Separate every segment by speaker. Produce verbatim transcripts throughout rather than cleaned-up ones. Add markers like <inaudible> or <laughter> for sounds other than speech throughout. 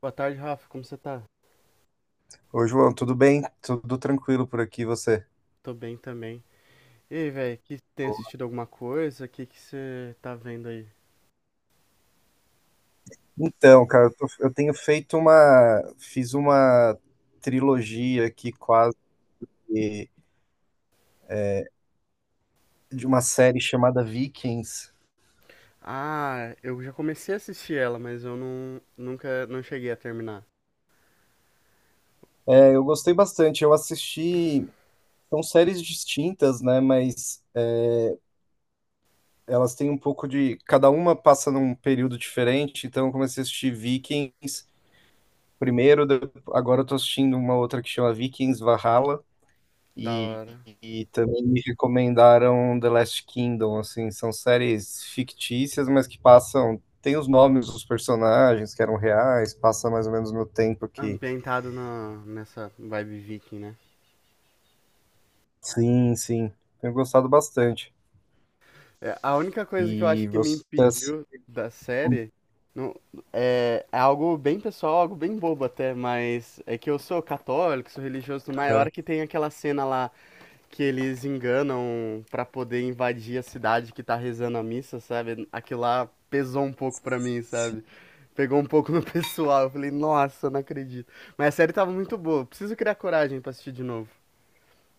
Speaker 1: Boa tarde, Rafa. Como você tá?
Speaker 2: Ô, João, tudo bem? Tudo tranquilo por aqui, você?
Speaker 1: Tô bem também. E aí, velho, que tem assistido alguma coisa? O que que você tá vendo aí?
Speaker 2: Então, cara, eu, tô- eu tenho feito uma. Fiz uma trilogia aqui quase de uma série chamada Vikings.
Speaker 1: Ah, eu já comecei a assistir ela, mas eu não, nunca não cheguei a terminar.
Speaker 2: É, eu gostei bastante, eu assisti. São séries distintas, né? Mas é, elas têm um pouco de. Cada uma passa num período diferente, então eu comecei a assistir Vikings primeiro, de- agora eu tô assistindo uma outra que chama Vikings Valhalla.
Speaker 1: Da
Speaker 2: E,
Speaker 1: hora.
Speaker 2: e também me recomendaram The Last Kingdom, assim, são séries fictícias, mas que passam, tem os nomes dos personagens que eram reais, passa mais ou menos no tempo aqui.
Speaker 1: Ambientado na, nessa vibe viking, né?
Speaker 2: Sim, sim. Tenho gostado bastante.
Speaker 1: É, a única coisa que eu acho
Speaker 2: E
Speaker 1: que me
Speaker 2: vocês.
Speaker 1: impediu da série não, é, é algo bem pessoal, algo bem bobo até, mas é que eu sou católico, sou religioso, mas a
Speaker 2: Ah,
Speaker 1: hora que tem aquela cena lá que eles enganam pra poder invadir a cidade que tá rezando a missa, sabe? Aquilo lá pesou um pouco pra mim,
Speaker 2: sim.
Speaker 1: sabe? Pegou um pouco <laughs> no pessoal. Eu falei, nossa, não acredito. Mas a série tava muito boa. Preciso criar coragem pra assistir de novo.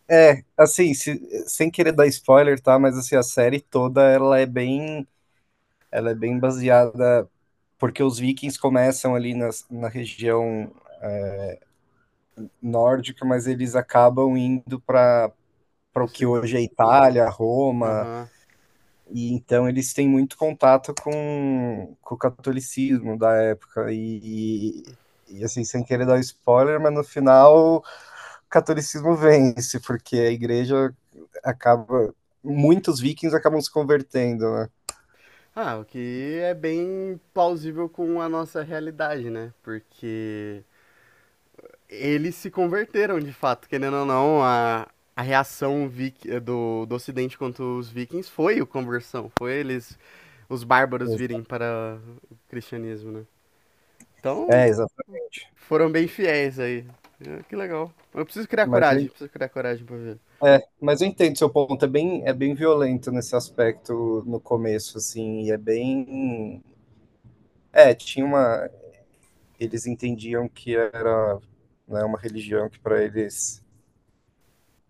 Speaker 2: É, assim, se- sem querer dar spoiler, tá? Mas assim, a série toda ela é bem, ela é bem baseada porque os vikings começam ali nas- na região nórdica, mas eles acabam indo para
Speaker 1: O
Speaker 2: para o que hoje é
Speaker 1: Ocidente.
Speaker 2: Itália, Roma,
Speaker 1: Aham.
Speaker 2: e então eles têm muito contato com, com o catolicismo da época e, e assim, sem querer dar spoiler, mas no final o catolicismo vence, porque a igreja acaba, muitos vikings acabam se convertendo, né?
Speaker 1: Ah, o que é bem plausível com a nossa realidade, né? Porque eles se converteram de fato, querendo ou não, a, a reação vik- do, do Ocidente contra os vikings foi a conversão, foi eles os bárbaros virem para o cristianismo, né? Então,
Speaker 2: É, exatamente.
Speaker 1: foram bem fiéis aí. É, que legal. Eu preciso criar
Speaker 2: Mas eu,
Speaker 1: coragem, preciso criar coragem pra ver.
Speaker 2: é, mas eu entendo seu ponto, é bem, é bem violento nesse aspecto no começo, assim, e é bem. É, tinha uma. Eles entendiam que era, né, uma religião que para eles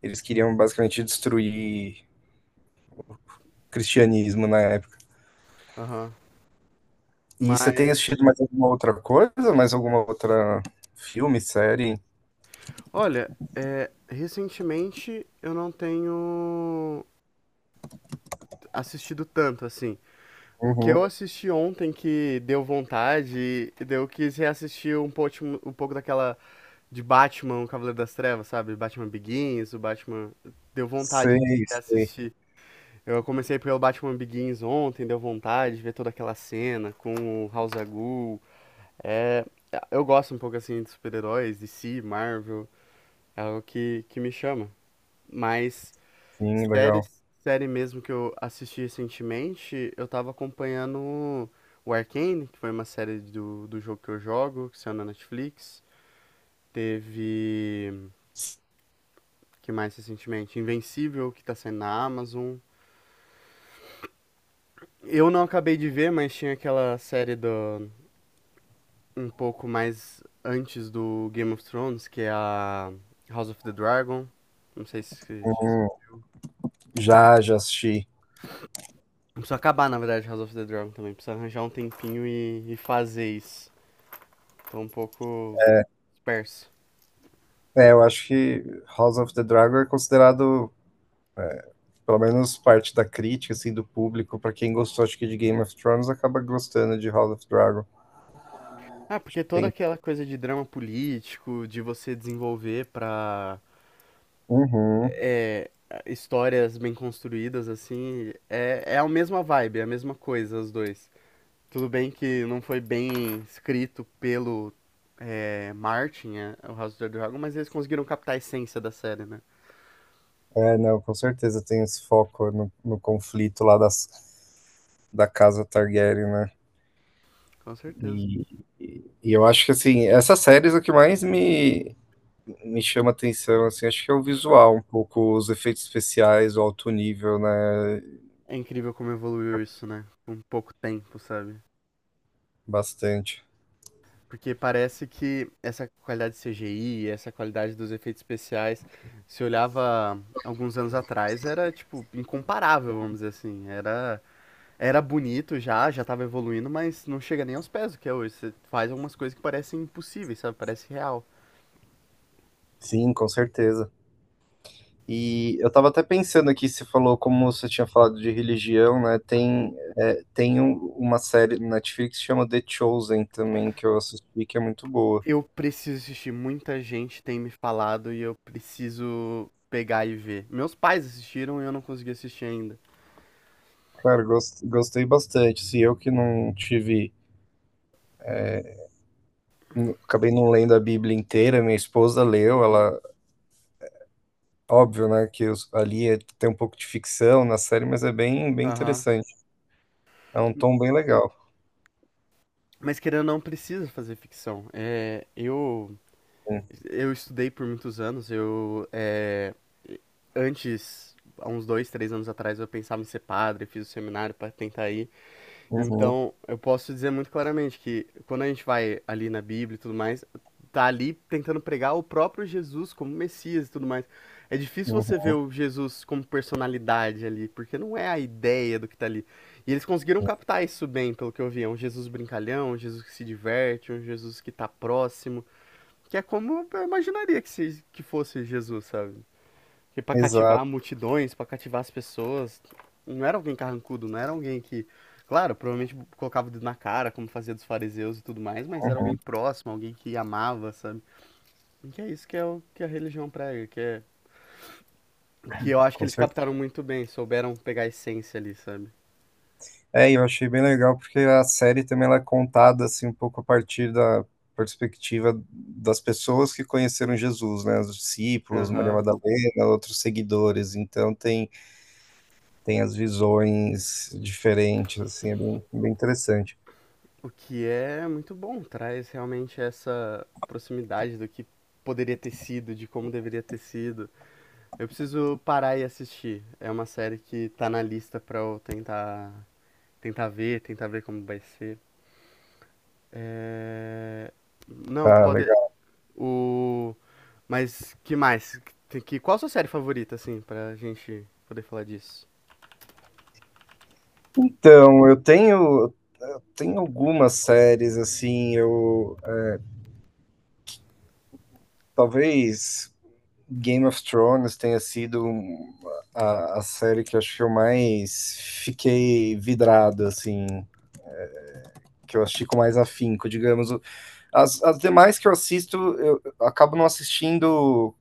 Speaker 2: eles queriam basicamente destruir o cristianismo na época.
Speaker 1: Aham.
Speaker 2: E você tem
Speaker 1: Mas,
Speaker 2: assistido mais alguma outra coisa? Mais alguma outra filme, série?
Speaker 1: olha, é, recentemente eu não tenho assistido tanto, assim. O que
Speaker 2: Uhum.
Speaker 1: eu assisti ontem que deu vontade, e daí eu quis reassistir um pouco, um pouco daquela de Batman, o Cavaleiro das Trevas, sabe? Batman Begins, o Batman... Deu vontade de
Speaker 2: Sei, sei.
Speaker 1: reassistir. Eu comecei pelo Batman Begins ontem, deu vontade de ver toda aquela cena com o House Agul. É, eu gosto um pouco assim de super-heróis, D C, Marvel, é algo que, que me chama. Mas
Speaker 2: Sim, legal.
Speaker 1: séries, série mesmo que eu assisti recentemente, eu tava acompanhando o Arcane, que foi uma série do, do jogo que eu jogo, que saiu na Netflix. Teve, que mais recentemente? Invencível, que tá saindo na Amazon. Eu não acabei de ver, mas tinha aquela série do um pouco mais antes do Game of Thrones, que é a House of the Dragon. Não sei se você já assistiu.
Speaker 2: Já, já assisti.
Speaker 1: Preciso acabar, na verdade, House of the Dragon também. Preciso arranjar um tempinho e, e fazer isso. Tô um pouco disperso.
Speaker 2: É, eu acho que House of the Dragon é considerado, pelo menos parte da crítica, assim, do público, para quem gostou, acho que de Game of Thrones acaba gostando de House of Dragon.
Speaker 1: Ah,
Speaker 2: Acho
Speaker 1: porque
Speaker 2: que
Speaker 1: toda
Speaker 2: tem.
Speaker 1: aquela coisa de drama político, de você desenvolver pra
Speaker 2: Uhum.
Speaker 1: é, histórias bem construídas, assim, é, é a mesma vibe, é a mesma coisa, os dois. Tudo bem que não foi bem escrito pelo é, Martin, é, o House of the Dragon, mas eles conseguiram captar a essência da série, né?
Speaker 2: É, não, com certeza tem esse foco no, no conflito lá das, da casa Targaryen, né?
Speaker 1: Com certeza.
Speaker 2: E, e, e eu acho que, assim, essas séries é o que mais me, me chama atenção, assim, acho que é o visual, um pouco os efeitos especiais, o alto nível, né?
Speaker 1: É incrível como evoluiu isso, né? Com pouco tempo, sabe?
Speaker 2: Bastante.
Speaker 1: Porque parece que essa qualidade de C G I, essa qualidade dos efeitos especiais, se olhava alguns anos atrás, era, tipo, incomparável, vamos dizer assim. Era, era bonito já, já tava evoluindo, mas não chega nem aos pés do que é hoje. Você faz algumas coisas que parecem impossíveis, sabe? Parece real.
Speaker 2: Sim, com certeza. E eu tava até pensando aqui, você falou, como você tinha falado de religião, né? Tem, é, tem um- uma série no Netflix que chama The Chosen também, que eu assisti, que é muito boa.
Speaker 1: Eu preciso assistir. Muita gente tem me falado e eu preciso pegar e ver. Meus pais assistiram e eu não consegui assistir ainda.
Speaker 2: Cara, gos- gostei bastante. Se eu que não tive, não- acabei não lendo a Bíblia inteira, minha esposa leu,
Speaker 1: Uhum.
Speaker 2: ela, óbvio, né, que os- ali é- tem um pouco de ficção na série, mas é bem, bem
Speaker 1: Aham.
Speaker 2: interessante. É um tom bem legal.
Speaker 1: Mas querendo ou não, precisa fazer ficção. É, eu,
Speaker 2: Sim.
Speaker 1: eu estudei por muitos anos. Eu, é, antes, há uns dois, três anos atrás, eu pensava em ser padre, fiz o seminário para tentar ir.
Speaker 2: Uhum,
Speaker 1: Então, eu posso dizer muito claramente que quando a gente vai ali na Bíblia e tudo mais, tá ali tentando pregar o próprio Jesus como Messias e tudo mais. É difícil você
Speaker 2: uhum.
Speaker 1: ver o Jesus como personalidade ali, porque não é a ideia do que tá ali. E eles conseguiram captar isso bem, pelo que eu vi. É um Jesus brincalhão, um Jesus que se diverte, um Jesus que tá próximo, que é como eu imaginaria que, se, que fosse Jesus, sabe? Que para
Speaker 2: Exato,
Speaker 1: cativar multidões, para cativar as pessoas, não era alguém carrancudo, não era alguém que, claro, provavelmente colocava o dedo na cara, como fazia dos fariseus e tudo mais, mas era alguém
Speaker 2: uhum,
Speaker 1: próximo, alguém que amava, sabe? E que é isso que é o que é a religião prega, que é que eu acho que
Speaker 2: com
Speaker 1: eles
Speaker 2: certeza.
Speaker 1: captaram muito bem, souberam pegar a essência ali, sabe?
Speaker 2: É, e eu achei bem legal porque a série também ela é contada assim um pouco a partir da perspectiva das pessoas que conheceram Jesus, né, os discípulos, Maria
Speaker 1: Aham.
Speaker 2: Madalena, outros seguidores. Então tem tem as visões diferentes, assim, é bem, bem interessante.
Speaker 1: O que é muito bom, traz realmente essa proximidade do que poderia ter sido, de como deveria ter sido. Eu preciso parar e assistir. É uma série que tá na lista pra eu tentar, tentar ver, tentar ver como vai ser. É... Não,
Speaker 2: Ah,
Speaker 1: pode.
Speaker 2: legal.
Speaker 1: O. Mas que mais? Que, que- qual a sua série favorita, assim, pra gente poder falar disso?
Speaker 2: Então, eu tenho, tenho algumas séries, assim, eu talvez Game of Thrones tenha sido a, a série que eu acho que eu mais fiquei vidrado, assim, que eu assisti com mais afinco, digamos. As, as demais que eu assisto, eu acabo não assistindo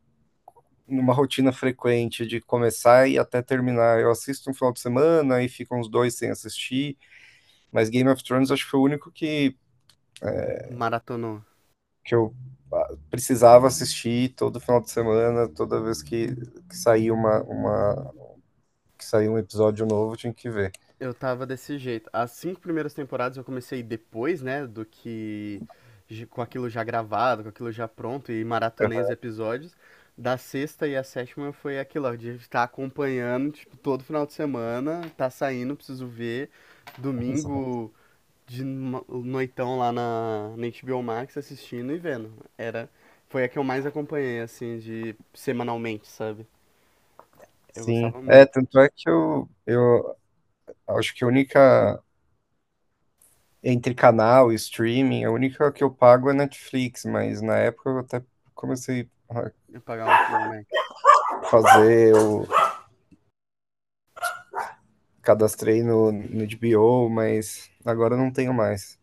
Speaker 2: numa rotina frequente de começar e até terminar. Eu assisto um final de semana e ficam uns dois sem assistir, mas Game of Thrones acho que foi o único que,
Speaker 1: Maratonou.
Speaker 2: que eu ah, precisava assistir todo final de semana, toda vez que, que saía uma, uma que saía um episódio novo, eu tinha que ver.
Speaker 1: Eu tava desse jeito. As cinco primeiras temporadas eu comecei depois, né, do que j- com aquilo já gravado, com aquilo já pronto e maratonei os episódios. Da sexta e a sétima foi aquilo, ó, de estar acompanhando, tipo, todo final de semana, tá saindo, preciso ver.
Speaker 2: <laughs>
Speaker 1: Domingo de no- noitão lá na, na H B O Max assistindo e vendo. Era, foi a que eu mais acompanhei, assim, de semanalmente, sabe? Eu
Speaker 2: Sim,
Speaker 1: gostava
Speaker 2: é,
Speaker 1: muito
Speaker 2: tanto é que eu, eu acho que a única entre canal e streaming, a única que eu pago é Netflix, mas na época eu até comecei a
Speaker 1: de pagar o H B O Max.
Speaker 2: fazer o. Cadastrei no, no H B O, mas agora eu não tenho mais.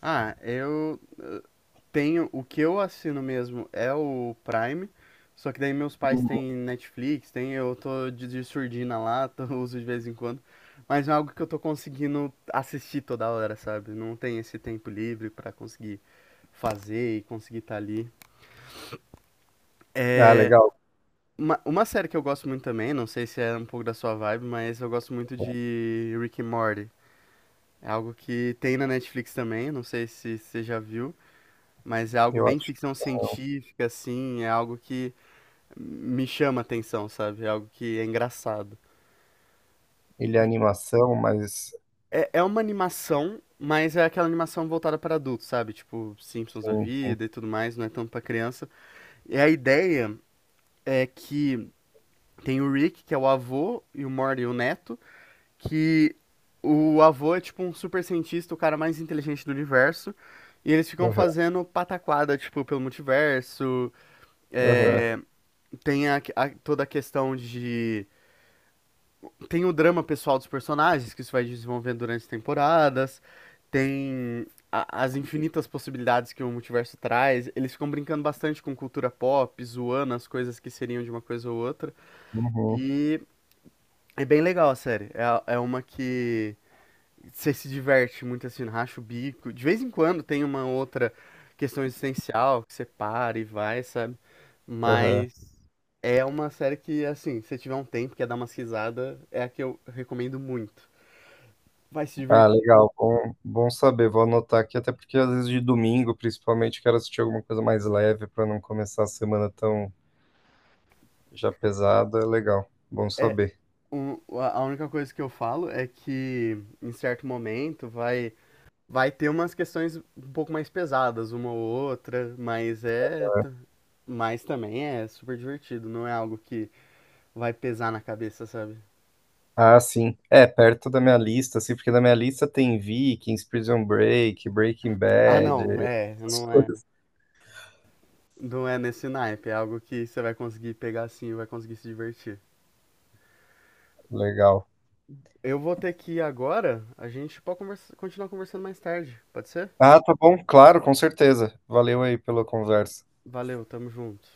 Speaker 1: Ah, eu tenho, o que eu assino mesmo é o Prime, só que daí meus pais têm Netflix, tem, eu tô de, de surdina lá, <laughs> tô, uso de vez em quando, mas é algo que eu tô conseguindo assistir toda hora, sabe? Não tem esse tempo livre pra conseguir fazer e conseguir estar ali.
Speaker 2: Ah,
Speaker 1: É
Speaker 2: legal.
Speaker 1: uma, uma série que eu gosto muito também, não sei se é um pouco da sua vibe, mas eu gosto muito de Rick and Morty. É algo que tem na Netflix também, não sei se você já viu, mas é algo
Speaker 2: Eu
Speaker 1: bem
Speaker 2: acho que
Speaker 1: ficção
Speaker 2: não.
Speaker 1: científica, assim, é algo que me chama atenção, sabe? É algo que é engraçado.
Speaker 2: Ele é animação, mas
Speaker 1: É, é uma animação, mas é aquela animação voltada para adultos, sabe? Tipo, Simpsons da
Speaker 2: sim, sim.
Speaker 1: vida e tudo mais, não é tanto para criança. E a ideia é que tem o Rick, que é o avô, e o Morty, o neto, que o avô é tipo um super cientista, o cara mais inteligente do universo. E eles ficam
Speaker 2: Aham,
Speaker 1: fazendo pataquada, tipo, pelo multiverso.
Speaker 2: aham.
Speaker 1: Tem a, a- toda a questão de tem o drama pessoal dos personagens, que isso vai desenvolvendo durante as temporadas. Tem a- as infinitas possibilidades que o multiverso traz. Eles ficam brincando bastante com cultura pop, zoando as coisas que seriam de uma coisa ou outra.
Speaker 2: Uhum,
Speaker 1: E é bem legal a série. É, a- é uma que você se diverte muito assim, racha o bico. De vez em quando tem uma outra questão existencial que você para e vai, sabe?
Speaker 2: aham.
Speaker 1: Mas é uma série que, assim, se você tiver um tempo, quer dar uma risada, é a que eu recomendo muito. Vai se
Speaker 2: Ah,
Speaker 1: divertir.
Speaker 2: legal. Bom, bom saber. Vou anotar aqui, até porque às vezes de domingo, principalmente, quero assistir alguma coisa mais leve para não começar a semana tão já pesada. É legal. Bom
Speaker 1: É,
Speaker 2: saber.
Speaker 1: um, a a única coisa que eu falo é que em certo momento vai vai ter umas questões um pouco mais pesadas, uma ou outra, mas é t- mas também é super divertido, não é algo que vai pesar na cabeça, sabe?
Speaker 2: Ah, sim. É, perto da minha lista, assim, porque na minha lista tem Vikings, Prison Break, Breaking
Speaker 1: Ah,
Speaker 2: Bad,
Speaker 1: não, é,
Speaker 2: essas
Speaker 1: não é,
Speaker 2: coisas.
Speaker 1: não é nesse naipe, é algo que você vai conseguir pegar assim, e vai conseguir se divertir.
Speaker 2: Legal.
Speaker 1: Eu vou ter que ir agora, a gente pode conversa- continuar conversando mais tarde, pode ser?
Speaker 2: Ah, tá bom, claro, com certeza. Valeu aí pela conversa.
Speaker 1: Valeu, tamo junto.